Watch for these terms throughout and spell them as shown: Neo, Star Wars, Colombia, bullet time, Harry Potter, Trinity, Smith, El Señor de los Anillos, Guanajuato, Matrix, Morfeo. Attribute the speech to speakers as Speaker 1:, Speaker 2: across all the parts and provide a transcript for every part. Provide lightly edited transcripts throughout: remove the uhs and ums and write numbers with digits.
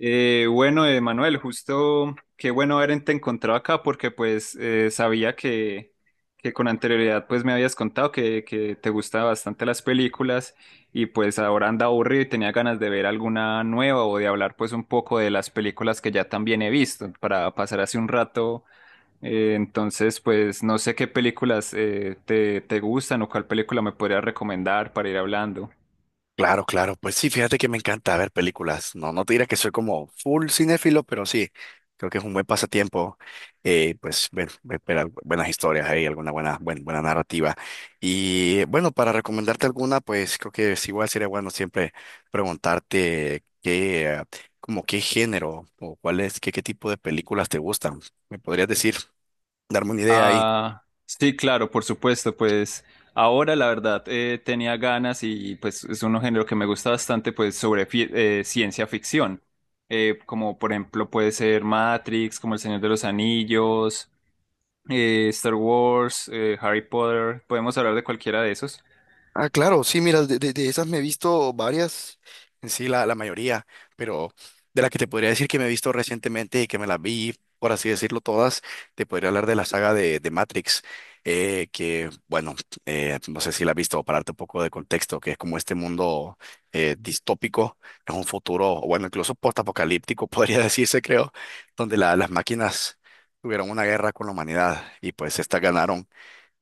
Speaker 1: Bueno, Manuel, justo qué bueno haberte encontrado acá porque pues sabía que con anterioridad pues me habías contado que te gustaban bastante las películas y pues ahora anda aburrido y tenía ganas de ver alguna nueva o de hablar pues un poco de las películas que ya también he visto para pasar hace un rato. Entonces pues no sé qué películas te gustan o cuál película me podrías recomendar para ir hablando.
Speaker 2: Claro, claro, pues sí, fíjate que me encanta ver películas. No, no te diré que soy como full cinéfilo, pero sí, creo que es un buen pasatiempo. Pues ver, buenas historias ahí, alguna buena narrativa. Y bueno, para recomendarte alguna, pues creo que es igual sería bueno siempre preguntarte como qué género o cuál es, qué tipo de películas te gustan. ¿Me podrías decir, darme una idea ahí?
Speaker 1: Ah, sí, claro, por supuesto, pues ahora la verdad tenía ganas y pues es un género que me gusta bastante, pues ciencia ficción. Como por ejemplo puede ser Matrix, como El Señor de los Anillos, Star Wars, Harry Potter, podemos hablar de cualquiera de esos.
Speaker 2: Ah, claro, sí, mira, de esas me he visto varias, en sí, la mayoría, pero de la que te podría decir que me he visto recientemente y que me las vi, por así decirlo, todas, te podría hablar de la saga de Matrix, que, bueno, no sé si la has visto, para darte un poco de contexto, que es como este mundo distópico, es un futuro, o bueno, incluso postapocalíptico, podría decirse, creo, donde las máquinas tuvieron una guerra con la humanidad y pues estas ganaron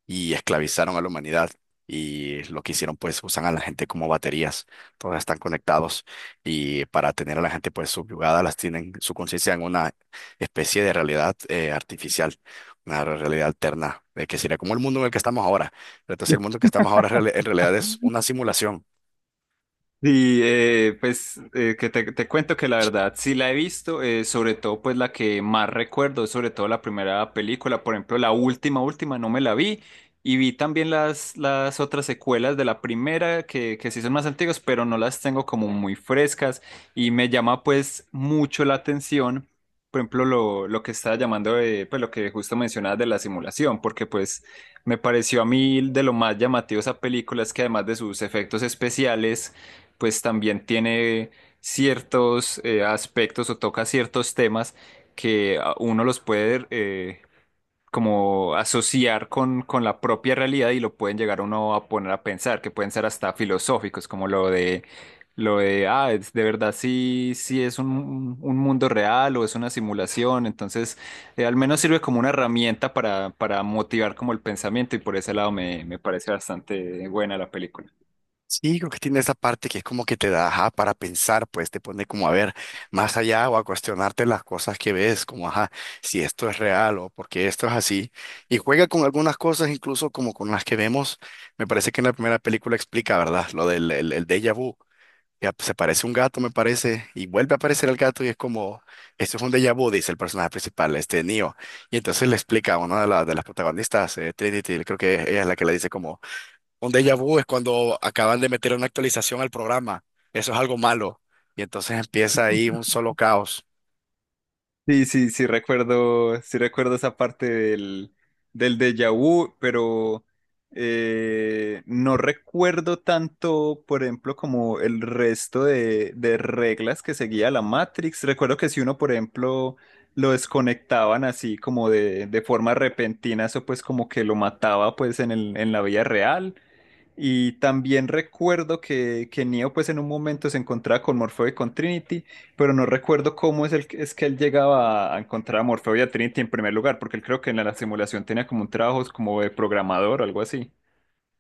Speaker 2: y esclavizaron a la humanidad. Y lo que hicieron, pues, usan a la gente como baterías. Todas están conectados y para tener a la gente, pues, subyugada, las tienen su conciencia en una especie de realidad artificial, una realidad alterna, que sería como el mundo en el que estamos ahora. Pero entonces, el mundo en el que estamos ahora en realidad es una simulación.
Speaker 1: Que te cuento que la verdad sí la he visto, sobre todo pues la que más recuerdo, es sobre todo la primera película. Por ejemplo la última, última no me la vi y vi también las otras secuelas de la primera que sí son más antiguas, pero no las tengo como muy frescas, y me llama pues mucho la atención, por ejemplo lo que estaba llamando, de, pues lo que justo mencionabas de la simulación, porque pues me pareció a mí de lo más llamativo esa película es que además de sus efectos especiales, pues también tiene ciertos aspectos o toca ciertos temas que uno los puede como asociar con la propia realidad y lo pueden llegar uno a poner a pensar, que pueden ser hasta filosóficos, como lo de de verdad, sí, sí es un mundo real o es una simulación. Entonces al menos sirve como una herramienta para motivar como el pensamiento, y por ese lado me parece bastante buena la película.
Speaker 2: Sí, creo que tiene esa parte que es como que te da ajá, para pensar, pues te pone como a ver más allá o a cuestionarte las cosas que ves, como ajá, si esto es real o por qué esto es así. Y juega con algunas cosas, incluso como con las que vemos. Me parece que en la primera película explica, ¿verdad? Lo del el déjà vu. Ya, pues, se parece un gato, me parece, y vuelve a aparecer el gato y es como, esto es un déjà vu, dice el personaje principal, este Neo. Y entonces le explica a una de las protagonistas, Trinity, creo que ella es la que le dice como. Un déjà vu es cuando acaban de meter una actualización al programa. Eso es algo malo. Y entonces empieza ahí un solo caos.
Speaker 1: Sí, sí, sí recuerdo esa parte del, del déjà vu, pero no recuerdo tanto, por ejemplo, como el resto de reglas que seguía la Matrix. Recuerdo que si uno, por ejemplo, lo desconectaban así como de forma repentina, eso pues como que lo mataba pues en el, en la vida real. Y también recuerdo que Neo pues en un momento se encontraba con Morfeo y con Trinity, pero no recuerdo cómo es, el, es que él llegaba a encontrar a Morfeo y a Trinity en primer lugar, porque él creo que en la simulación tenía como un trabajo como de programador o algo así.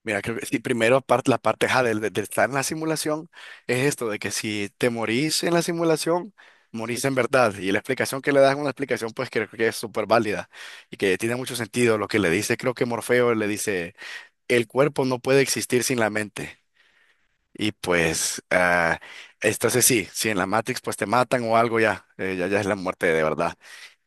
Speaker 2: Mira, creo que sí, primero la parte ja, de estar en la simulación es esto, de que si te morís en la simulación, morís en verdad. Y la explicación que le das es una explicación pues creo que es súper válida y que tiene mucho sentido. Lo que le dice, creo que Morfeo le dice, el cuerpo no puede existir sin la mente. Y pues, ah, entonces sí, sí, en la Matrix pues te matan o algo ya, ya es la muerte de verdad.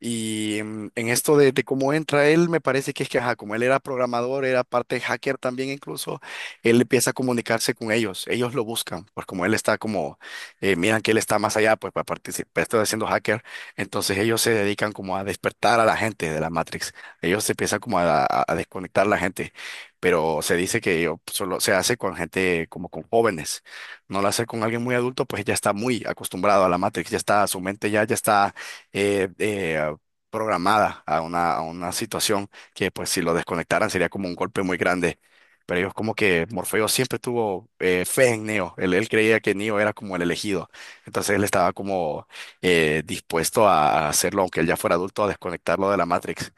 Speaker 2: Y en esto de cómo entra él, me parece que es que, ajá, como él era programador, era parte hacker también incluso, él empieza a comunicarse con ellos, ellos lo buscan, pues como él está como, miran que él está más allá, pues para participar, está siendo hacker, entonces ellos se dedican como a despertar a la gente de la Matrix, ellos se empiezan como a desconectar a la gente, pero se dice que o, solo se hace con gente como con jóvenes, no la hace con alguien muy adulto, pues ya está muy acostumbrado a la Matrix, ya está, su mente ya está eh, eh, programada a una situación que pues si lo desconectaran sería como un golpe muy grande. Pero ellos como que Morfeo siempre tuvo fe en Neo, él creía que Neo era como el elegido, entonces él estaba como dispuesto a hacerlo, aunque él ya fuera adulto, a desconectarlo de la Matrix.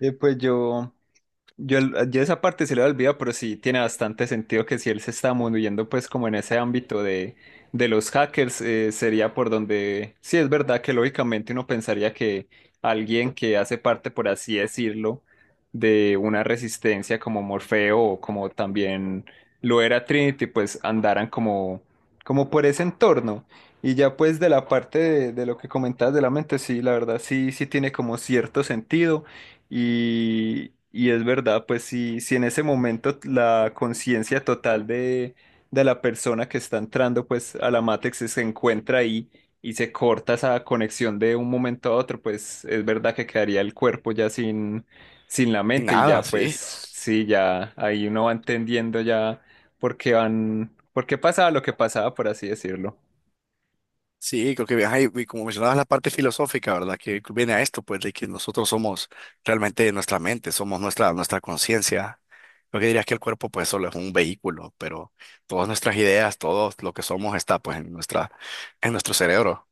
Speaker 1: Eh, pues yo, yo esa parte se le olvidado, pero sí tiene bastante sentido que si él se está moviendo pues como en ese ámbito de los hackers. Eh, sería por donde, sí es verdad que lógicamente uno pensaría que alguien que hace parte, por así decirlo, de una resistencia como Morfeo o como también lo era Trinity, pues andaran como, como por ese entorno. Y ya pues de la parte de lo que comentabas de la mente, sí, la verdad sí, sí tiene como cierto sentido. Y es verdad, pues si, si en ese momento la conciencia total de la persona que está entrando pues a la Matrix se encuentra ahí y se corta esa conexión de un momento a otro, pues es verdad que quedaría el cuerpo ya sin, sin la
Speaker 2: Y
Speaker 1: mente, y
Speaker 2: nada,
Speaker 1: ya
Speaker 2: sí.
Speaker 1: pues sí, ya ahí uno va entendiendo ya por qué van, por qué pasaba lo que pasaba, por así decirlo.
Speaker 2: Sí, creo que ajá, y como mencionabas la parte filosófica, ¿verdad? Que viene a esto, pues, de que nosotros somos realmente nuestra mente, somos nuestra conciencia. Lo que dirías que el cuerpo, pues, solo es un vehículo, pero todas nuestras ideas, todo lo que somos está, pues, en en nuestro cerebro.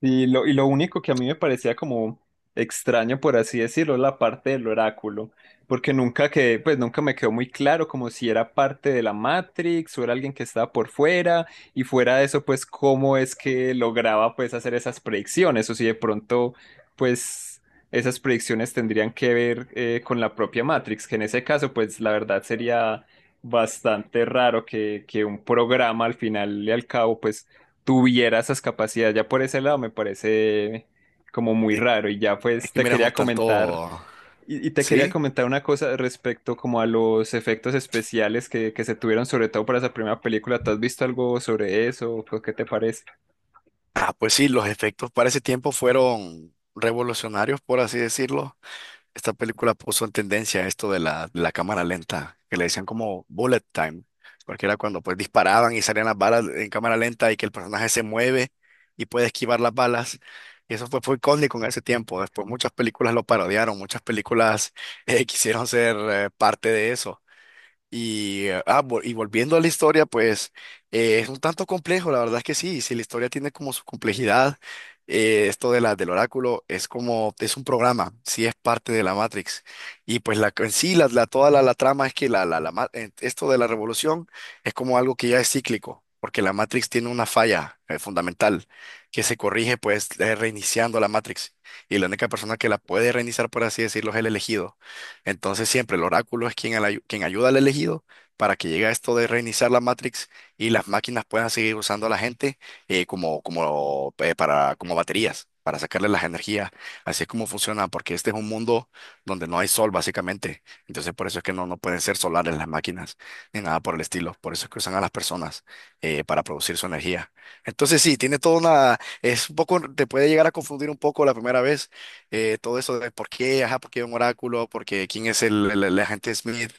Speaker 1: Y lo único que a mí me parecía como extraño, por así decirlo, es la parte del oráculo, porque nunca que, pues nunca me quedó muy claro como si era parte de la Matrix o era alguien que estaba por fuera. Y fuera de eso, pues cómo es que lograba pues hacer esas predicciones, o si de pronto, pues esas predicciones tendrían que ver con la propia Matrix, que en ese caso, pues la verdad sería bastante raro que un programa al final y al cabo, pues tuviera esas capacidades. Ya por ese lado me parece como muy raro.
Speaker 2: Es que miras un tanto,
Speaker 1: Y, y te quería
Speaker 2: ¿sí?
Speaker 1: comentar una cosa respecto como a los efectos especiales que se tuvieron, sobre todo para esa primera película. ¿Tú has visto algo sobre eso? ¿Qué te parece?
Speaker 2: Ah, pues sí, los efectos para ese tiempo fueron revolucionarios, por así decirlo. Esta película puso en tendencia esto de la cámara lenta, que le decían como bullet time, porque era cuando pues disparaban y salían las balas en cámara lenta y que el personaje se mueve y puede esquivar las balas. Y eso fue icónico en ese tiempo. Después muchas películas lo parodiaron, muchas películas quisieron ser parte de eso. Y volviendo a la historia, pues es un tanto complejo, la verdad es que sí, si la historia tiene como su complejidad, esto del oráculo es como, es un programa, sí es parte de la Matrix. Y pues la, en sí, toda la trama es que esto de la revolución es como algo que ya es cíclico, porque la Matrix tiene una falla fundamental que se corrige pues reiniciando la Matrix. Y la única persona que la puede reiniciar, por así decirlo, es el elegido. Entonces siempre el oráculo es quien, quien ayuda al elegido para que llegue a esto de reiniciar la Matrix y las máquinas puedan seguir usando a la gente como, como baterías, para sacarle las energías. Así es como funciona, porque este es un mundo donde no hay sol básicamente. Entonces por eso es que no, no pueden ser solares las máquinas ni nada por el estilo. Por eso es que usan a las personas para producir su energía. Entonces sí, tiene toda una... Es un poco, te puede llegar a confundir un poco la primera vez todo eso de por qué, ajá, por qué un oráculo, por qué quién es el agente Smith,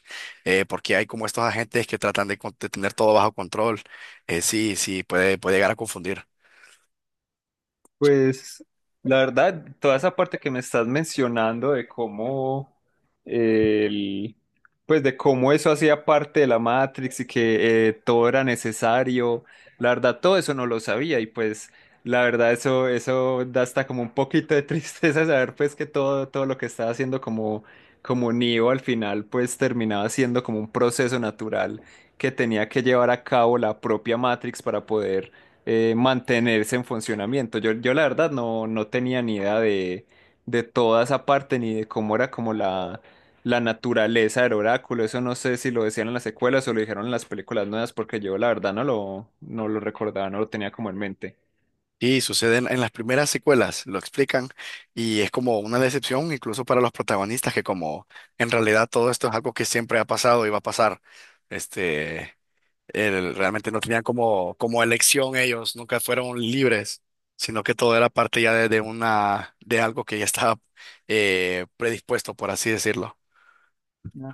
Speaker 2: por qué hay como estos agentes que tratan de tener todo bajo control. Sí, puede llegar a confundir.
Speaker 1: Pues la verdad, toda esa parte que me estás mencionando de cómo el, pues de cómo eso hacía parte de la Matrix y que todo era necesario, la verdad todo eso no lo sabía. Y pues la verdad eso da hasta como un poquito de tristeza saber pues que todo lo que estaba haciendo como como Neo al final pues terminaba siendo como un proceso natural que tenía que llevar a cabo la propia Matrix para poder mantenerse en funcionamiento. Yo la verdad no, no tenía ni idea de toda esa parte ni de cómo era como la naturaleza del oráculo. Eso no sé si lo decían en las secuelas o lo dijeron en las películas nuevas, porque yo la verdad no lo recordaba, no lo tenía como en mente.
Speaker 2: Y sucede en las primeras secuelas, lo explican, y es como una decepción incluso para los protagonistas, que como en realidad todo esto es algo que siempre ha pasado y va a pasar. Este. Realmente no tenían como, como elección ellos, nunca fueron libres, sino que todo era parte ya de algo que ya estaba predispuesto, por así decirlo.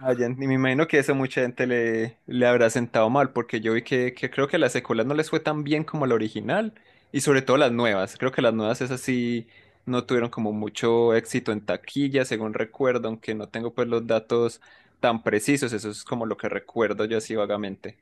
Speaker 1: Ah, ya, y me imagino que eso mucha gente le habrá sentado mal, porque yo vi que creo que las secuelas no les fue tan bien como la original, y sobre todo las nuevas. Creo que las nuevas esas sí no tuvieron como mucho éxito en taquilla, según recuerdo, aunque no tengo pues los datos tan precisos, eso es como lo que recuerdo yo así vagamente.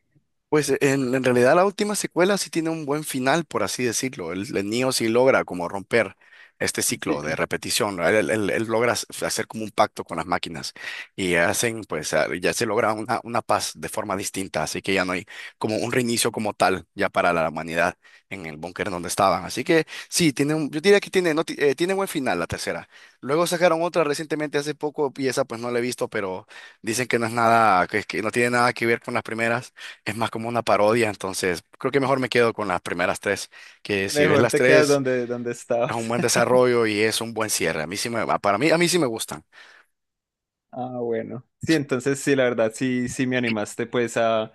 Speaker 2: En realidad la última secuela sí tiene un buen final, por así decirlo. El Neo sí logra como romper este
Speaker 1: Sí,
Speaker 2: ciclo de
Speaker 1: claro.
Speaker 2: repetición. ¿No? Él logra hacer como un pacto con las máquinas y hacen, pues ah, ya se logra una paz de forma distinta. Así que ya no hay como un reinicio como tal ya para la humanidad en el búnker donde estaban. Así que sí, yo diría que tiene, no, tiene buen final la tercera. Luego sacaron otra recientemente hace poco y esa pues no la he visto, pero dicen que no es nada, que no tiene nada que ver con las primeras, es más como una parodia, entonces creo que mejor me quedo con las primeras tres, que si ves
Speaker 1: Mejor
Speaker 2: las
Speaker 1: te quedas
Speaker 2: tres,
Speaker 1: donde, donde
Speaker 2: es un
Speaker 1: estabas.
Speaker 2: buen desarrollo y es un buen cierre. A mí sí para mí, a mí sí me gustan.
Speaker 1: Ah, bueno. Sí, entonces sí, la verdad, sí, sí me animaste pues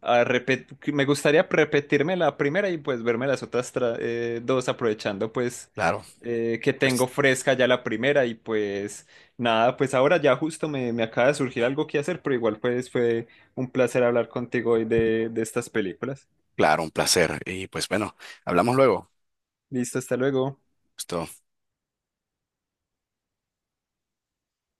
Speaker 1: a repetir, me gustaría repetirme la primera y pues verme las otras dos aprovechando pues
Speaker 2: Claro,
Speaker 1: que tengo
Speaker 2: pues,
Speaker 1: fresca ya la primera. Y pues nada, pues ahora ya justo me acaba de surgir algo que hacer, pero igual pues fue un placer hablar contigo hoy de estas películas.
Speaker 2: claro, un placer. Y pues bueno, hablamos luego.
Speaker 1: Listo, hasta luego.
Speaker 2: Esto.